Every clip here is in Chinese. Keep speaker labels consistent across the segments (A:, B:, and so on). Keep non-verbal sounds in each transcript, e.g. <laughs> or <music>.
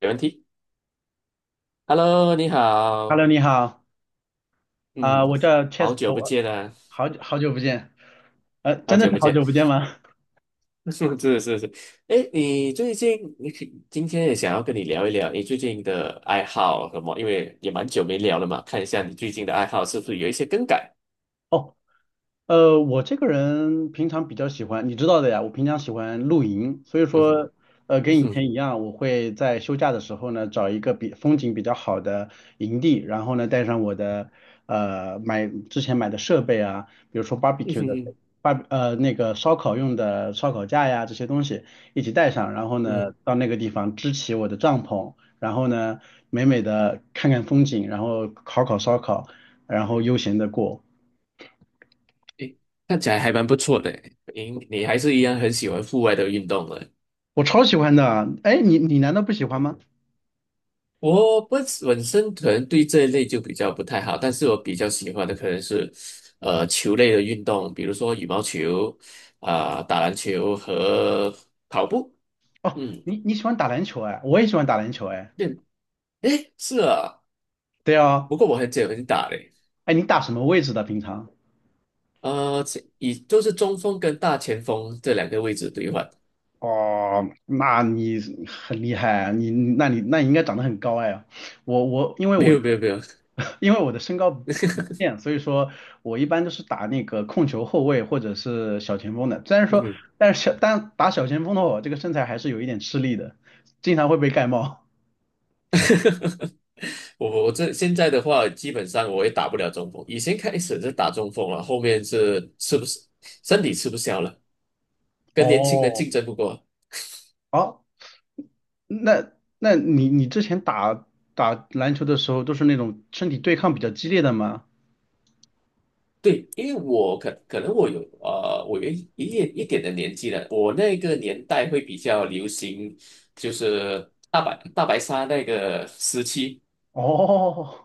A: 没问题。Hello，你好，
B: Hello，你好，啊、
A: 嗯，
B: 我叫 c h e s
A: 好
B: t
A: 久不
B: 我
A: 见啊，
B: 好久好久不见，
A: 好
B: 真的
A: 久
B: 是
A: 不
B: 好
A: 见。
B: 久不见吗？
A: <laughs> 是是是。哎，你最近，你可今天也想要跟你聊一聊你最近的爱好什么，因为也蛮久没聊了嘛，看一下你最近的爱好是不是有一些更改。
B: <laughs> 哦。我这个人平常比较喜欢，你知道的呀，我平常喜欢露营，所以
A: 嗯哼。
B: 说，
A: 嗯
B: 跟以前一
A: 哼。
B: 样，我会在休假的时候呢，找一个比风景比较好的营地，然后呢，带上我的之前买的设备啊，比如说
A: <laughs> 嗯
B: barbecue 的
A: 哼。
B: 那个烧烤用的烧烤架呀这些东西一起带上，然后呢，
A: 嗯，
B: 到那个地方支起我的帐篷，然后呢，美美的看看风景，然后烤烤烧烤，然后悠闲的过。
A: 哎，看起来还蛮不错的诶，你还是一样很喜欢户外的运动的。
B: 我超喜欢的。哎，你难道不喜欢吗？
A: 我本身可能对这一类就比较不太好，但是我比较喜欢的可能是，球类的运动，比如说羽毛球，啊、打篮球和跑步。
B: 哦，
A: 嗯，
B: 你喜欢打篮球哎，我也喜欢打篮球哎。
A: 对，诶，是啊。
B: 对啊，
A: 不过我很久很打嘞。
B: 哎，你打什么位置的平常？
A: 前以就是中锋跟大前锋这两个位置兑换。
B: 哦，那你很厉害啊。你应该长得很高哎。我我因为
A: 没
B: 我
A: 有没有没有。
B: <laughs> 因为我的身高不变，所以说我一般都是打那个控球后卫或者是小前锋的。虽然说，
A: 嗯。
B: 但是打小前锋的话，我这个身材还是有一点吃力的，经常会被盖帽。
A: <laughs> 我这现在的话，基本上我也打不了中锋，以前开始是打中锋了，后面是吃不，身体吃不消了。跟年轻人
B: 哦，
A: 竞争不过。
B: 好。那那你之前打篮球的时候都是那种身体对抗比较激烈的吗？
A: 对，因为我可能我有我有一点一点的年纪了，我那个年代会比较流行，就是大白鲨那个时期。
B: 哦，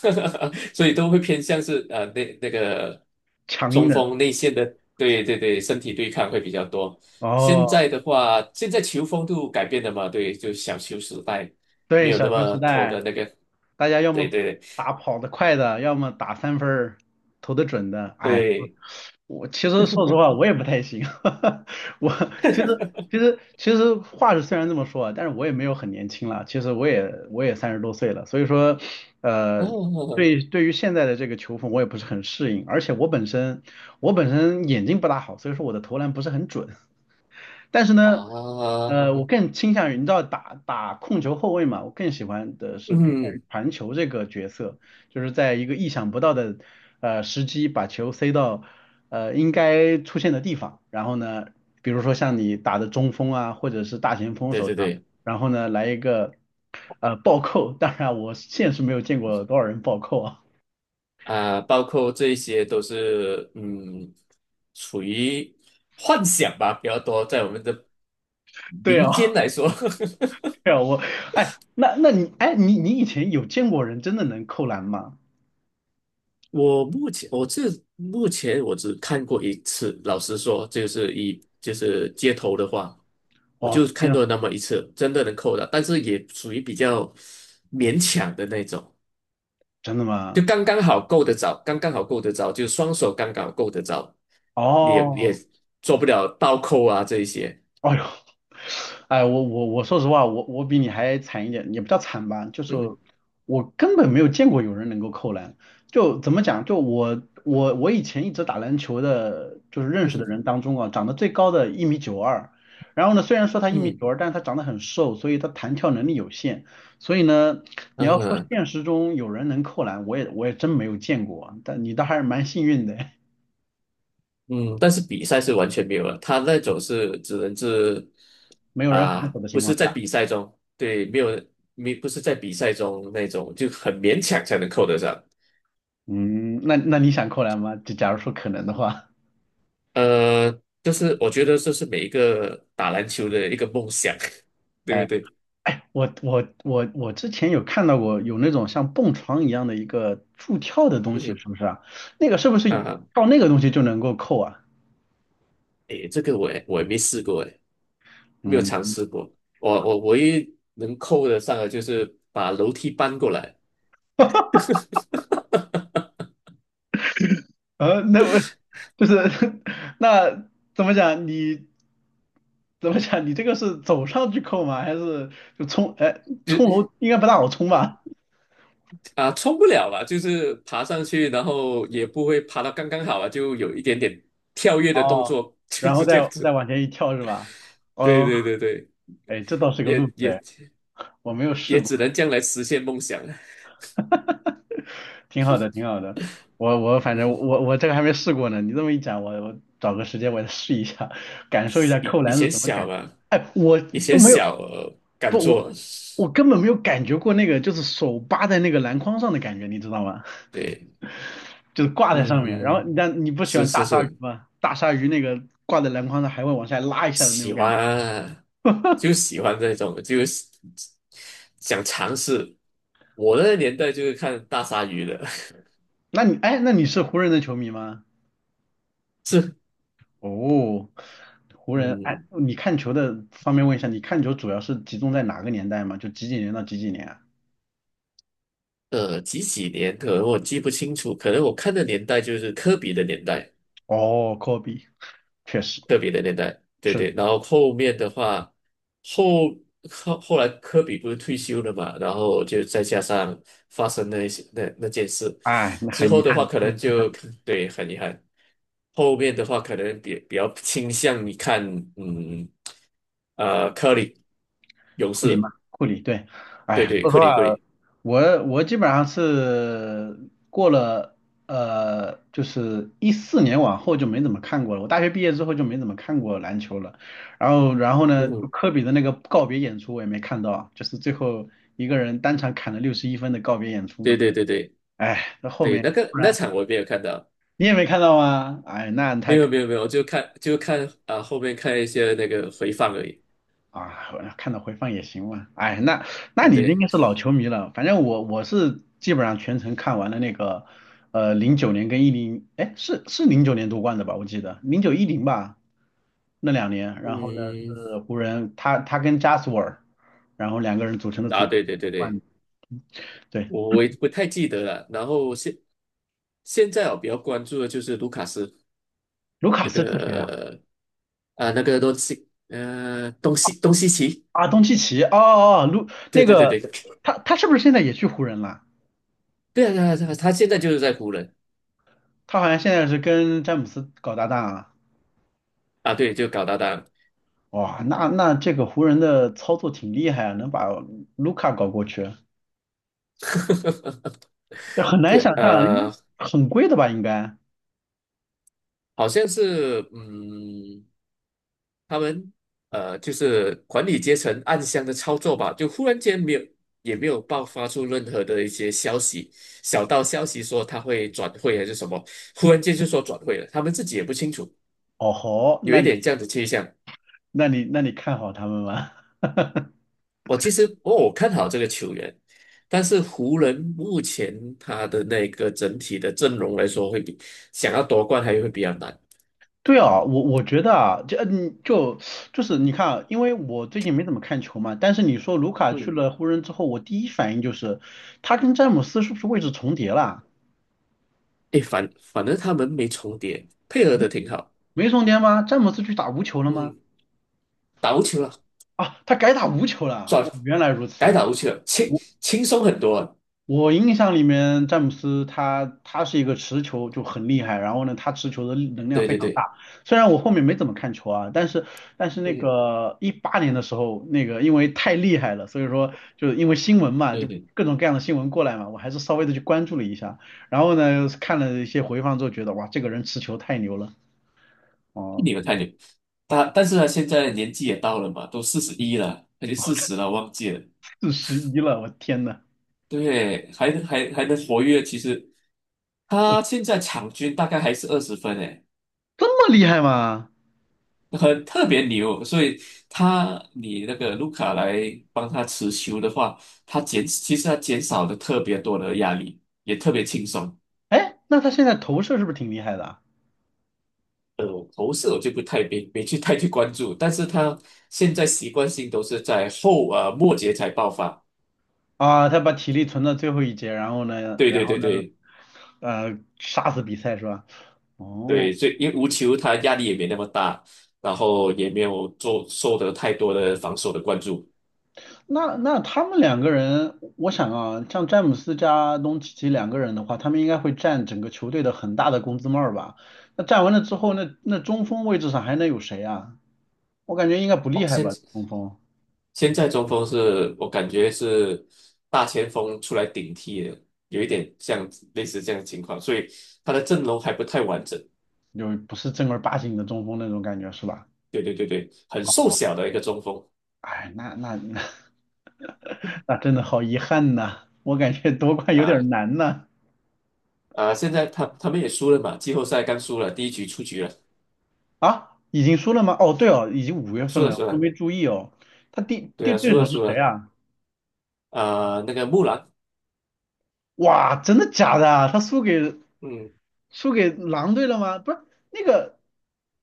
A: <laughs> 所以都会偏向是那个
B: <laughs> 强硬
A: 中
B: 的。
A: 锋内线的。对对对，身体对抗会比较多。现
B: 哦，
A: 在的话，现在球风都改变了嘛。对，就小球时代没
B: 对，
A: 有那
B: 小球
A: 么
B: 时
A: 拖
B: 代，
A: 的那个，
B: 大家要
A: 对
B: 么
A: 对
B: 打跑得快的，要么打三分儿投得准的。哎，
A: 对，
B: 我其实说实话，我也不太行。<laughs> 我其实其实话是虽然这么说啊，但是我也没有很年轻了。其实我也30多岁了，所以说，呃，
A: 哦
B: 对于现在的这个球风，我也不是很适应。而且我本身眼睛不大好，所以说我的投篮不是很准。但是呢，
A: 啊。
B: 我
A: <laughs>
B: 更倾向于你知道打控球后卫嘛，我更喜欢的是偏向于
A: 嗯，
B: 传球这个角色，就是在一个意想不到的时机把球塞到应该出现的地方，然后呢，比如说像你打的中锋啊，或者是大前锋
A: 对
B: 手
A: 对
B: 上，
A: 对，
B: 然后呢来一个暴扣，当然我现实没有见过多少人暴扣啊，
A: 啊、包括这些都是嗯，属于幻想吧，比较多，在我们的
B: 对
A: 民
B: 啊，
A: 间来说。<laughs>
B: <laughs> 对啊，哎，那那你哎你你以前有见过人真的能扣篮吗？
A: 我目前我这目前我只看过一次，老实说，就是就是街头的话，我
B: 哦，
A: 就
B: 天
A: 看
B: 啊，
A: 过那么一次，真的能扣的，但是也属于比较勉强的那种。
B: 真的
A: 就
B: 吗？
A: 刚刚好够得着，刚刚好够得着，就双手刚刚好够得着。也
B: 哦，
A: 做不了倒扣啊这一些。
B: 哎呦，哎，我说实话，我比你还惨一点，也不叫惨吧，就是
A: 嗯
B: 我根本没有见过有人能够扣篮。就怎么讲，就我以前一直打篮球的，就是认识的
A: 嗯
B: 人当中啊，长得最高的一米九二，然后呢，虽然说他一米
A: 嗯
B: 九二，但是他长得很瘦，所以他弹跳能力有限，所以呢，你要说
A: 嗯
B: 现实中有人能扣篮，我也真没有见过啊，但你倒还是蛮幸运的，
A: 嗯，嗯但是比赛是完全没有了，他那种是只能是
B: 没有人防
A: 啊、
B: 守的
A: 不
B: 情
A: 是
B: 况
A: 在
B: 下。
A: 比赛中。对，没有没不是在比赛中那种，就很勉强才能扣得上。
B: 嗯，那你想扣篮吗？就假如说可能的话，
A: 呃，就是我觉得这是每一个打篮球的一个梦想，<laughs> 对不
B: 哎，
A: 对？
B: 我之前有看到过有那种像蹦床一样的一个助跳的东西，
A: 嗯
B: 是不是啊？那个是不是
A: 啊，
B: 靠那个东西就能够扣啊？
A: 诶，这个我也没试过诶。没有尝
B: 嗯，
A: 试过。我唯一能扣得上的就是把楼梯搬过来，
B: 那我就是 <laughs> 那怎么讲？你怎么讲？你这个是走上去扣吗？还是就冲？哎，冲
A: 就
B: 楼应该不大好冲吧？
A: 啊，冲不了吧，就是爬上去，然后也不会爬到刚刚好啊，就有一点点跳跃的动
B: 哦，
A: 作，就
B: 然后
A: 是这
B: 再
A: 样
B: 再
A: 子。
B: 往前一跳是吧？
A: 对
B: 哦，
A: 对对对，
B: 哎，这倒是个路
A: 也
B: 子
A: 也
B: 哎，我没有试
A: 也只
B: 过。
A: 能这样来实现梦想了。
B: 挺好的，挺好的。我反正我这个还没试过呢，你这么一讲，我找个时间我也试一下，感受一下
A: 以
B: 扣
A: 以
B: 篮是
A: 前
B: 什么感
A: 小
B: 觉。
A: 嘛。
B: 哎，我
A: 以
B: 都
A: 前
B: 没有，
A: 小，敢
B: 不，我
A: 做。
B: 我根本没有感觉过那个就是手扒在那个篮筐上的感觉，你知道吗？
A: 对，
B: 就是挂在
A: 嗯，
B: 上面，然后
A: 嗯，
B: 但你不喜
A: 是
B: 欢大
A: 是
B: 鲨鱼
A: 是，
B: 吗？大鲨鱼那个挂在篮筐上还会往下拉一下的那
A: 喜
B: 种感觉。
A: 欢啊。就喜欢这种，就是想尝试。我那个年代就是看大鲨鱼的。
B: 那你是湖人的球迷吗？哦，湖
A: <laughs>
B: 人，哎，
A: 嗯，
B: 你看球的方面问一下，你看球主要是集中在哪个年代吗？就几几年到几几年啊？
A: 几几年可能我记不清楚，可能我看的年代就是科比的年代。
B: 哦，科比，确实
A: 特别的年代，对
B: 是，
A: 对。然后后面的话，后后来科比不是退休了嘛，然后就再加上发生那些那件事
B: 哎，那
A: 之
B: 很遗
A: 后的话，
B: 憾，
A: 可能就 <laughs> 对，很遗憾。后面的话，可能比较倾向于看，嗯，科里勇
B: 库里嘛，
A: 士。
B: 库里对，哎
A: 对
B: 呀，
A: 对，
B: 说实话，
A: 克里。
B: 我基本上是过了就是14年往后就没怎么看过了。我大学毕业之后就没怎么看过篮球了。然后呢，
A: 嗯
B: 就
A: 哼，
B: 科比的那个告别演出我也没看到，就是最后一个人单场砍了61分的告别演出
A: 对
B: 嘛。
A: 对对对
B: 哎，那后
A: 对，
B: 面
A: 那个
B: 不
A: 那
B: 然
A: 场我没有看到。
B: 你也没看到吗？哎，那
A: 没
B: 太可。
A: 有没有没有，我就看啊、后面看一些那个回放而已。
B: 啊，我看到回放也行嘛。哎，那那
A: 嗯
B: 你应
A: 对。
B: 该是老球迷了。反正我是基本上全程看完了那个，零九年跟一零，哎，是零九年夺冠的吧？我记得09-10吧，那两年。然后呢
A: 嗯，
B: 是湖人，他跟加索尔，然后两个人组成的
A: 啊，
B: 组
A: 对对对
B: 冠。
A: 对，
B: 对，
A: 我也不太记得了。然后现在我比较关注的就是卢卡斯
B: 卢卡
A: 那
B: 斯是谁啊？
A: 个啊，那个东西奇。
B: 啊，东契奇。哦哦，哦卢
A: 对
B: 那
A: 对对
B: 个
A: 对对
B: 他是不是现在也去湖人了？
A: 啊，对啊，他现在就是在湖人
B: 他好像现在是跟詹姆斯搞搭档啊。
A: 啊。对，就搞搭档。
B: 哇，那这个湖人的操作挺厉害啊，能把卢卡搞过去，
A: <laughs>
B: 这很难
A: 对
B: 想象啊，很贵的吧？应该。
A: 好像是嗯。他们就是管理阶层暗箱的操作吧，就忽然间没有，也没有爆发出任何的一些消息，小道消息说他会转会还是什么，忽然间就说转会了，他们自己也不清楚，
B: 哦吼，
A: 有一
B: 那
A: 点这样的倾向。
B: 那你那你看好他们吗？<laughs>
A: 我其实哦，我看好这个球员，但是湖人目前他的那个整体的阵容来说，会比想要夺冠还会比较难。
B: 对啊，我觉得啊，这就是你看啊，因为我最近没怎么看球嘛，但是你说卢卡去
A: 嗯，
B: 了湖人之后，我第一反应就是他跟詹姆斯是不是位置重叠了？
A: 诶，反正他们没重叠，配合的挺好。
B: 没重叠吗？詹姆斯去打无球了吗？
A: 嗯，打无球了。
B: 啊，他改打无球了啊。
A: 转
B: 我原来如
A: 改
B: 此。
A: 打无球了，轻松很多啊。
B: 我印象里面，詹姆斯他是一个持球就很厉害，然后呢，他持球的力能量
A: 对
B: 非
A: 对
B: 常
A: 对，
B: 大。虽然我后面没怎么看球啊，但是那
A: 嗯，
B: 个18年的时候，那个因为太厉害了，所以说就是因为新闻嘛，
A: 对
B: 就
A: 对，
B: 各种各样的新闻过来嘛，我还是稍微的去关注了一下。然后呢，看了一些回放之后，觉得哇，这个人持球太牛了，
A: 太
B: 哦，
A: 牛太牛。他，但是他现在年纪也到了嘛，都41了，还是四十了，忘记了。
B: 41了，我天呐，
A: 对，还能能活跃，其实他现在场均大概还是20分诶，
B: 这么厉害吗？
A: 很特别牛。所以他，你那个卢卡来帮他持球的话，其实他减少了特别多的压力，也特别轻松。
B: 哎，那他现在投射是不是挺厉害的啊？
A: 呃，投射我就不太，没去太去关注，但是他现在习惯性都是在末节才爆发。
B: 啊，他把体力存到最后一节，
A: 对
B: 然
A: 对
B: 后
A: 对
B: 呢？
A: 对
B: 杀死比赛是吧？哦，
A: 对，所以因为无球他压力也没那么大，然后也没有做受得太多的防守的关注。
B: 那他们两个人，我想啊，像詹姆斯加东契奇两个人的话，他们应该会占整个球队的很大的工资帽儿吧？那占完了之后，那中锋位置上还能有谁啊？我感觉应该不
A: 哦，
B: 厉害吧，中锋
A: 现在中锋是我感觉是大前锋出来顶替的，有一点像类似这样的情况，所以他的阵容还不太完整。
B: 就不是正儿八经的中锋那种感觉是吧？
A: 对对对对，很瘦小的一个中锋。
B: 哎，那那那 <laughs> 那真的好遗憾呐，我感觉夺冠有
A: 啊，
B: 点难呐。
A: 啊，现在他们也输了嘛，季后赛刚输了，第一局出局了。
B: 啊，已经输了吗？哦，对哦，已经5月份
A: 输了
B: 了，我
A: 输
B: 都
A: 了，
B: 没注意哦。他
A: 对啊，
B: 对
A: 输
B: 手
A: 了
B: 是
A: 输
B: 谁
A: 了。
B: 啊？
A: 啊，那个木兰。
B: 哇，真的假的啊？他输给
A: 嗯
B: 输给狼队了吗？不是，那个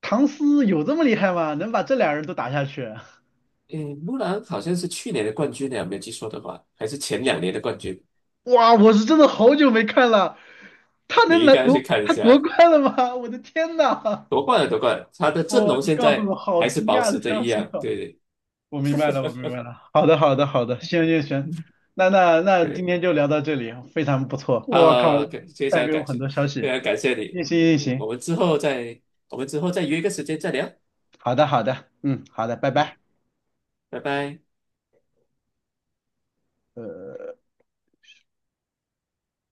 B: 唐斯有这么厉害吗？能把这俩人都打下去？
A: 嗯，木兰好像是去年的冠军呢，没有记错的话，还是前两年的冠军。
B: 哇，我是真的好久没看了，他
A: 你
B: 能
A: 应
B: 拿
A: 该去
B: 夺
A: 看一
B: 他夺
A: 下，
B: 冠了吗？<laughs> 我的天呐！
A: 夺冠了夺冠了，他的阵
B: 哦，
A: 容
B: 你
A: 现
B: 告诉
A: 在
B: 我好
A: 还是
B: 惊
A: 保
B: 讶
A: 持
B: 的
A: 着
B: 消
A: 一
B: 息
A: 样。
B: 哦！
A: 对对
B: 我明白了，我明白了。好的，好的，好的，行行行，那今
A: 对，
B: 天就聊到这里，非常不错。我靠，
A: 啊，感，非
B: 带
A: 常
B: 给我
A: 感
B: 很
A: 谢，
B: 多消
A: 非
B: 息。
A: 常感谢你。
B: 运行运
A: 嗯，
B: 行，
A: 我们之后再约一个时间再聊。
B: 好的好的，嗯，好的，拜
A: 嗯，
B: 拜。
A: 拜拜。
B: 呃。